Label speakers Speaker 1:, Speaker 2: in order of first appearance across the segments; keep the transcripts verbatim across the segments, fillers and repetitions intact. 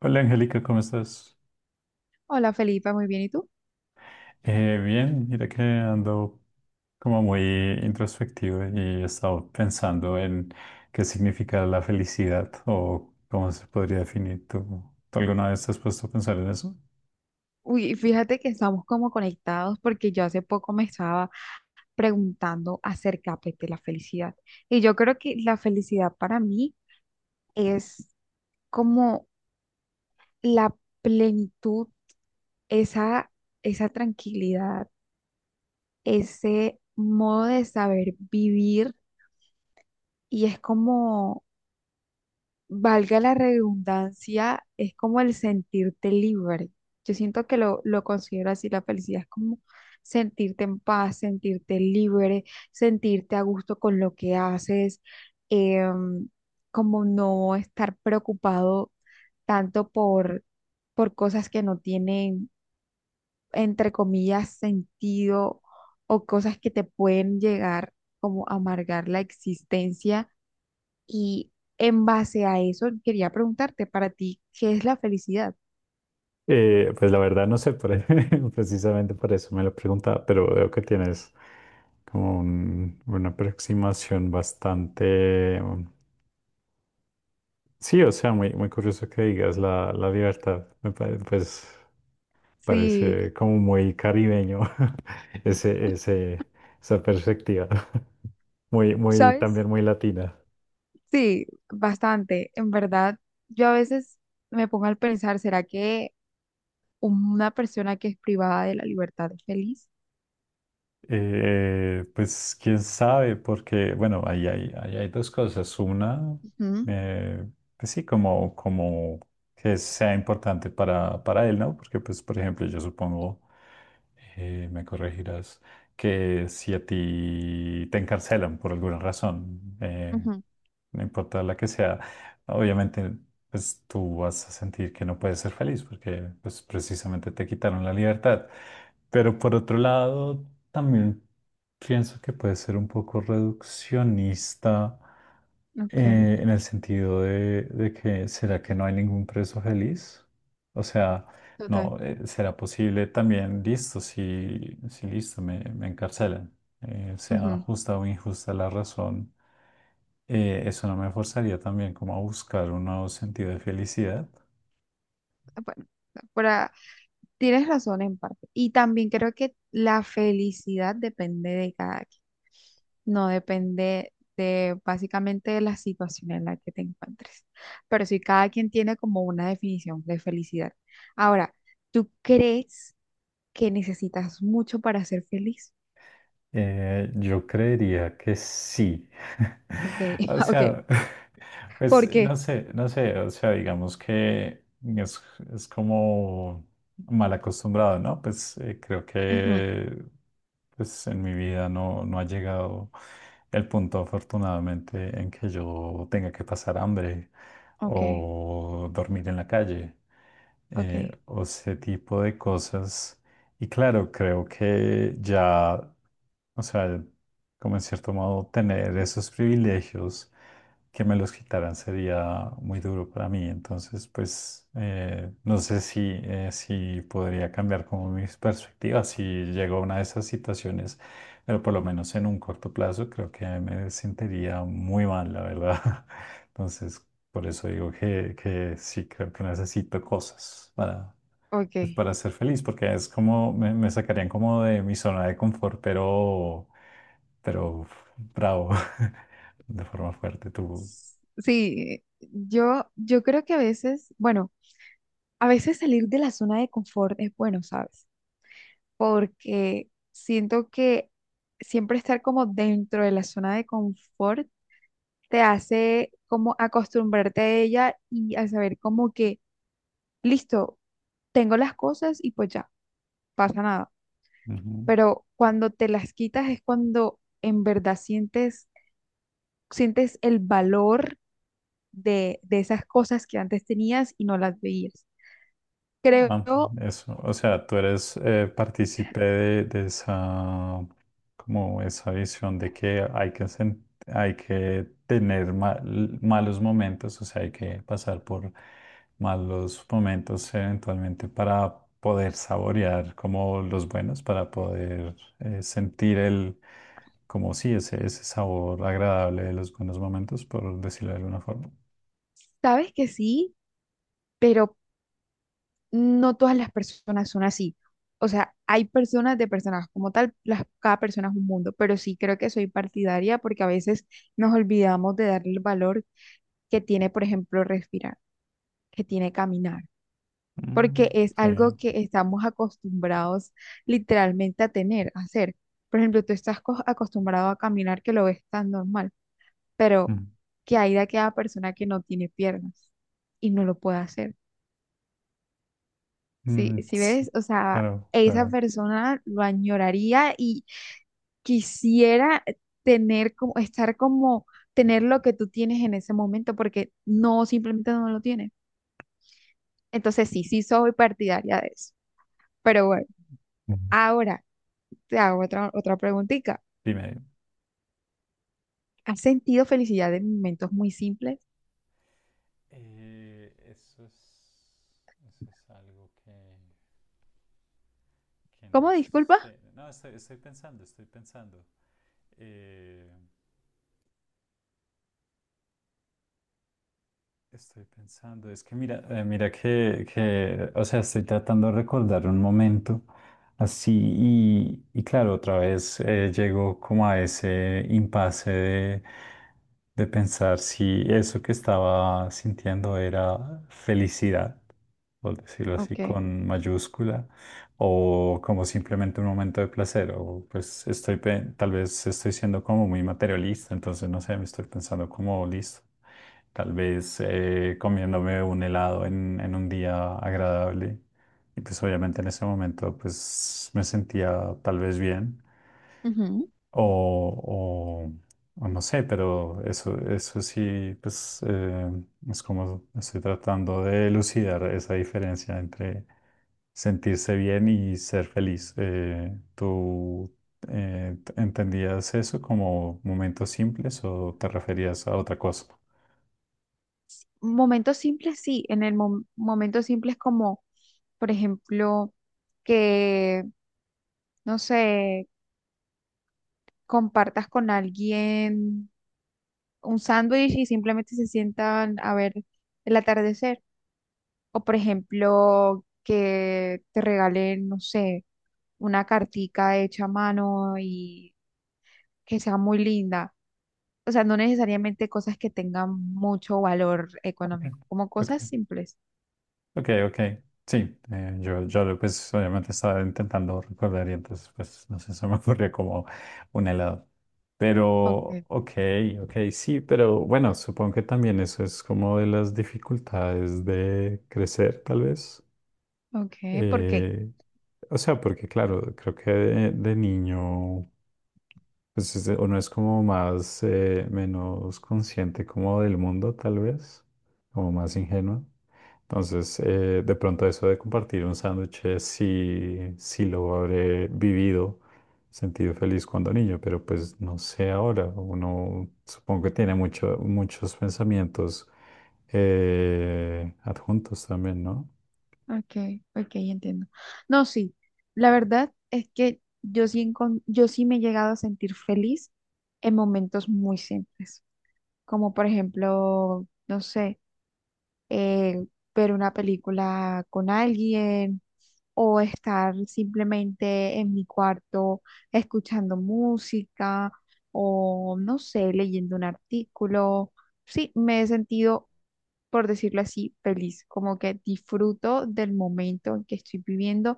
Speaker 1: Hola Angélica, ¿cómo estás?
Speaker 2: Hola Felipa, muy bien. ¿Y tú?
Speaker 1: Eh, bien, mira que ando como muy introspectivo y he estado pensando en qué significa la felicidad o cómo se podría definir. ¿Tú, tú alguna vez te has puesto a pensar en eso?
Speaker 2: Uy, fíjate que estamos como conectados porque yo hace poco me estaba preguntando acerca pues, de la felicidad. Y yo creo que la felicidad para mí es como la plenitud, esa, esa tranquilidad, ese modo de saber vivir y es como valga la redundancia, es como el sentirte libre. Yo siento que lo, lo considero así, la felicidad es como sentirte en paz, sentirte libre, sentirte a gusto con lo que haces, em, como no estar preocupado tanto por, por cosas que no tienen, entre comillas, sentido o cosas que te pueden llegar como a amargar la existencia y en base a eso, quería preguntarte para ti, ¿qué es la felicidad?
Speaker 1: Eh, pues la verdad no sé, por- precisamente por eso me lo preguntaba, pero veo que tienes como un- una aproximación bastante... um, Sí, o sea, muy, muy curioso que digas la, la libertad, me parece, pues parece
Speaker 2: Sí,
Speaker 1: como muy caribeño. ese, ese, Esa perspectiva. Muy, muy,
Speaker 2: ¿sabes?
Speaker 1: también muy latina.
Speaker 2: Sí, bastante. En verdad, yo a veces me pongo al pensar, ¿será que una persona que es privada de la libertad es feliz?
Speaker 1: Eh, pues quién sabe, porque bueno, ahí hay, ahí hay dos cosas. Una,
Speaker 2: Ujú,
Speaker 1: eh, pues sí, como, como que sea importante para, para él, ¿no? Porque pues, por ejemplo, yo supongo, eh, me corregirás, que si a ti te encarcelan por alguna razón, eh,
Speaker 2: ujú.
Speaker 1: no importa la que sea, obviamente pues tú vas a sentir que no puedes ser feliz porque pues precisamente te quitaron la libertad. Pero por otro lado, también pienso que puede ser un poco reduccionista
Speaker 2: Ok,
Speaker 1: eh, en el sentido de, de que ¿será que no hay ningún preso feliz? O sea,
Speaker 2: total.
Speaker 1: no, eh, ¿será posible también, listo, si, si listo, me, me encarcelan, eh, sea justa o injusta la razón, eh, eso no me forzaría también como a buscar un nuevo sentido de felicidad?
Speaker 2: Bueno, para, tienes razón en parte. Y también creo que la felicidad depende de cada quien. No depende de básicamente de la situación en la que te encuentres. Pero sí, cada quien tiene como una definición de felicidad. Ahora, ¿tú crees que necesitas mucho para ser feliz?
Speaker 1: Eh, yo creería que sí.
Speaker 2: Ok,
Speaker 1: O
Speaker 2: ok.
Speaker 1: sea,
Speaker 2: ¿Por
Speaker 1: pues
Speaker 2: qué?
Speaker 1: no sé, no sé, o sea, digamos que es, es como mal acostumbrado, ¿no? Pues eh, creo
Speaker 2: Ujú.
Speaker 1: que pues en mi vida no, no ha llegado el punto afortunadamente en que yo tenga que pasar hambre
Speaker 2: Ok,
Speaker 1: o dormir en la calle,
Speaker 2: ok,
Speaker 1: eh, o ese tipo de cosas. Y claro, creo que ya, o sea, como en cierto modo, tener esos privilegios que me los quitaran sería muy duro para mí. Entonces, pues, eh, no sé si, eh, si podría cambiar como mis perspectivas si llego a una de esas situaciones, pero por lo menos en un corto plazo creo que me sentiría muy mal, la verdad. Entonces, por eso digo que, que sí creo que necesito cosas para pues
Speaker 2: ok.
Speaker 1: para ser feliz, porque es como, me, me sacarían como de mi zona de confort, pero, pero bravo, de forma fuerte tú.
Speaker 2: Sí, yo, yo creo que a veces, bueno. A veces salir de la zona de confort es bueno, ¿sabes? Porque siento que siempre estar como dentro de la zona de confort te hace como acostumbrarte a ella y a saber como que, listo, tengo las cosas y pues ya, pasa nada.
Speaker 1: Ujú.
Speaker 2: Pero cuando te las quitas es cuando en verdad sientes, sientes el valor de, de esas cosas que antes tenías y no las veías.
Speaker 1: Ah,
Speaker 2: Creo,
Speaker 1: eso, o sea, tú eres, eh, partícipe de, de esa, como esa visión de que hay que, sen- hay que tener mal- malos momentos, o sea, hay que pasar por malos momentos eventualmente para poder saborear como los buenos, para poder, eh, sentir el, como sí, ese, ese, sabor agradable de los buenos momentos, por decirlo de alguna forma.
Speaker 2: sabes que sí, pero no todas las personas son así. O sea, hay personas de personas como tal, las, cada persona es un mundo, pero sí creo que soy partidaria porque a veces nos olvidamos de darle el valor que tiene, por ejemplo, respirar, que tiene caminar, porque
Speaker 1: Mm,
Speaker 2: es algo
Speaker 1: sí.
Speaker 2: que estamos acostumbrados literalmente a tener, a hacer. Por ejemplo, tú estás co- acostumbrado a caminar que lo ves tan normal, pero
Speaker 1: Mm,
Speaker 2: que hay de aquella persona que no tiene piernas y no lo puede hacer. Sí,
Speaker 1: mm,
Speaker 2: si
Speaker 1: sí,
Speaker 2: ves, o sea,
Speaker 1: claro,
Speaker 2: esa
Speaker 1: claro.
Speaker 2: persona lo añoraría y quisiera tener como, estar como, tener lo que tú tienes en ese momento, porque no, simplemente no lo tienes. Entonces, sí, sí soy partidaria de eso. Pero bueno,
Speaker 1: Ujú.
Speaker 2: ahora te hago otra, otra preguntita.
Speaker 1: Dime.
Speaker 2: ¿Has sentido felicidad en momentos muy simples?
Speaker 1: Eh, eso es, eso es algo que, que
Speaker 2: ¿Cómo?
Speaker 1: no
Speaker 2: Disculpa.
Speaker 1: sé. No, estoy, estoy pensando, estoy pensando. Eh, Estoy pensando, es que mira, eh, mira que, que, o sea, estoy tratando de recordar un momento así y, y claro, otra vez, eh, llego como a ese impasse de, de pensar si eso que estaba sintiendo era felicidad, por decirlo así,
Speaker 2: Ok.
Speaker 1: con mayúscula, o como simplemente un momento de placer, o pues estoy, pe- tal vez estoy siendo como muy materialista, entonces no sé, me estoy pensando como listo, tal vez, eh, comiéndome un helado en, en un día agradable, y pues obviamente en ese momento pues me sentía tal vez bien,
Speaker 2: Ujú.
Speaker 1: o, o, o no sé, pero eso, eso sí, pues eh, es como estoy tratando de elucidar esa diferencia entre sentirse bien y ser feliz. Eh, ¿tú eh, t- entendías eso como momentos simples o te referías a otra cosa?
Speaker 2: Momentos simples, sí, en el mom- momentos simples como, por ejemplo, que, no sé, compartas con alguien un sándwich y simplemente se sientan a ver el atardecer. O por ejemplo, que te regalen, no sé, una cartica hecha a mano y que sea muy linda. O sea, no necesariamente cosas que tengan mucho valor
Speaker 1: Ok,
Speaker 2: económico, como
Speaker 1: ok.
Speaker 2: cosas simples.
Speaker 1: Ok, ok. Sí, eh, yo, yo pues obviamente estaba intentando recordar y entonces pues no sé, se me ocurrió como un helado.
Speaker 2: Ok,
Speaker 1: Pero, ok, ok, sí, pero bueno, supongo que también eso es como de las dificultades de crecer, tal vez.
Speaker 2: ok, ¿por qué?
Speaker 1: Eh, o sea, porque claro, creo que de, de niño pues es- uno es como más, eh, menos consciente como del mundo, tal vez, como más ingenuo. Entonces, eh, de pronto eso de compartir un sándwich, eh, sí, sí lo habré vivido, sentido feliz cuando niño, pero pues no sé ahora. Uno supongo que tiene mucho- muchos pensamientos, eh, adjuntos también, ¿no?
Speaker 2: Okay, okay, entiendo. No, sí, la verdad es que yo sí, encon- yo sí me he llegado a sentir feliz en momentos muy simples, como por ejemplo, no sé, eh, ver una película con alguien o estar simplemente en mi cuarto escuchando música o, no sé, leyendo un artículo. Sí, me he sentido por decirlo así, feliz, como que disfruto del momento en que estoy viviendo,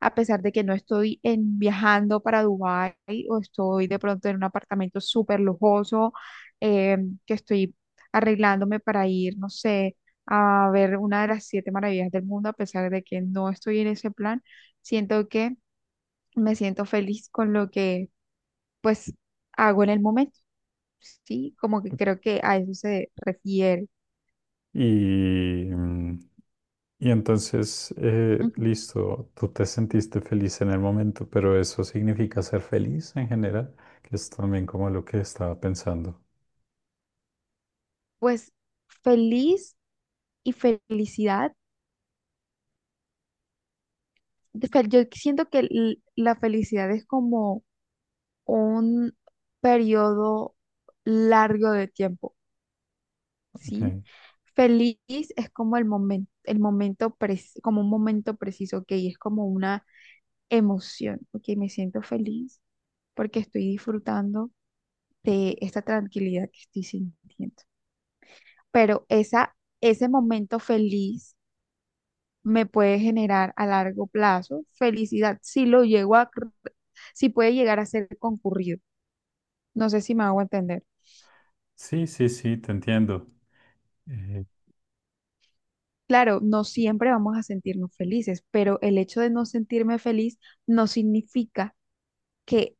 Speaker 2: a pesar de que no estoy en, viajando para Dubái o estoy de pronto en un apartamento súper lujoso, eh, que estoy arreglándome para ir, no sé, a ver una de las siete maravillas del mundo, a pesar de que no estoy en ese plan, siento que me siento feliz con lo que pues hago en el momento, ¿sí? Como que creo que a eso se refiere.
Speaker 1: Y, mm, y entonces, eh,
Speaker 2: Ujú.
Speaker 1: listo, tú te sentiste feliz en el momento, pero eso significa ser feliz en general, que es también como lo que estaba pensando.
Speaker 2: Pues feliz y felicidad. de fel- Yo siento que l- la felicidad es como un periodo largo de tiempo,
Speaker 1: Ok.
Speaker 2: ¿sí? Feliz es como el momento, el momento pres- como un momento preciso, ok, es como una emoción, ok, me siento feliz porque estoy disfrutando de esta tranquilidad que estoy sintiendo. Pero esa, ese momento feliz me puede generar a largo plazo felicidad si lo llego a, si puede llegar a ser concurrido. No sé si me hago entender.
Speaker 1: Sí, sí, sí, te entiendo. Eh,
Speaker 2: Claro, no siempre vamos a sentirnos felices, pero el hecho de no sentirme feliz no significa que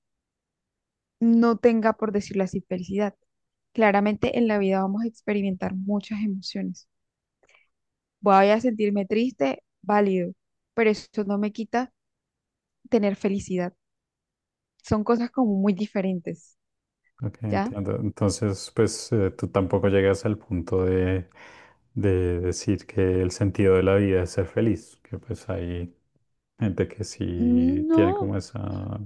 Speaker 2: no tenga, por decirlo así, felicidad. Claramente en la vida vamos a experimentar muchas emociones. Voy a sentirme triste, válido, pero eso no me quita tener felicidad. Son cosas como muy diferentes,
Speaker 1: ok,
Speaker 2: ¿ya?
Speaker 1: entiendo. Entonces, pues eh, tú tampoco llegas al punto de, de decir que el sentido de la vida es ser feliz, que pues hay gente que sí tiene
Speaker 2: No,
Speaker 1: como esa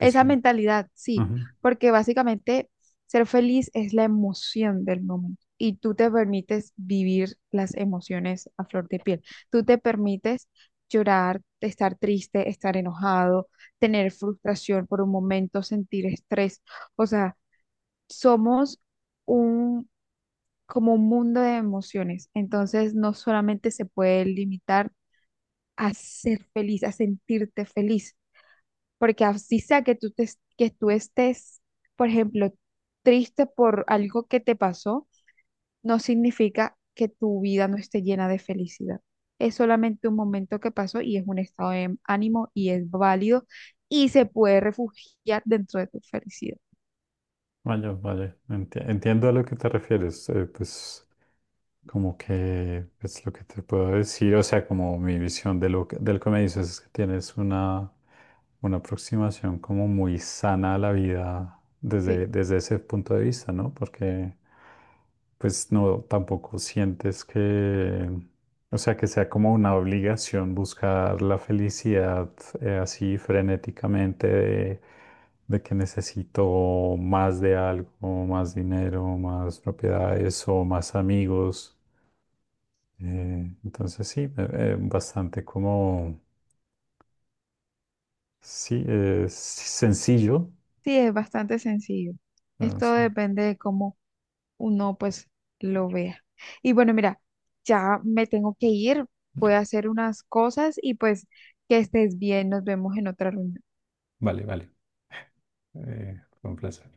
Speaker 2: esa mentalidad, sí,
Speaker 1: Ujú.
Speaker 2: porque básicamente ser feliz es la emoción del momento y tú te permites vivir las emociones a flor de piel. Tú te permites llorar, estar triste, estar enojado, tener frustración por un momento, sentir estrés. O sea, somos un como un mundo de emociones. Entonces, no solamente se puede limitar a ser feliz, a sentirte feliz porque así sea que tú, te- que tú estés, por ejemplo, triste por algo que te pasó, no significa que tu vida no esté llena de felicidad. Es solamente un momento que pasó y es un estado de ánimo y es válido y se puede refugiar dentro de tu felicidad.
Speaker 1: Vaya, vaya, enti- entiendo a lo que te refieres. Eh, pues como que es lo que te puedo decir, o sea, como mi visión de lo que, del que me dices es que tienes una, una aproximación como muy sana a la vida desde,
Speaker 2: Sí,
Speaker 1: desde ese punto de vista, ¿no? Porque pues no, tampoco sientes que, o sea, que sea como una obligación buscar la felicidad, eh, así frenéticamente de de que necesito más de algo, más dinero, más propiedades o más amigos. Eh, entonces sí, eh, eh, bastante como, sí, eh, sencillo.
Speaker 2: sí, es bastante sencillo.
Speaker 1: Ah,
Speaker 2: Esto
Speaker 1: sí.
Speaker 2: depende de cómo uno pues lo vea. Y bueno, mira, ya me tengo que ir, voy a hacer unas cosas y pues que estés bien, nos vemos en otra reunión.
Speaker 1: Vale, vale. Eh, fue un placer.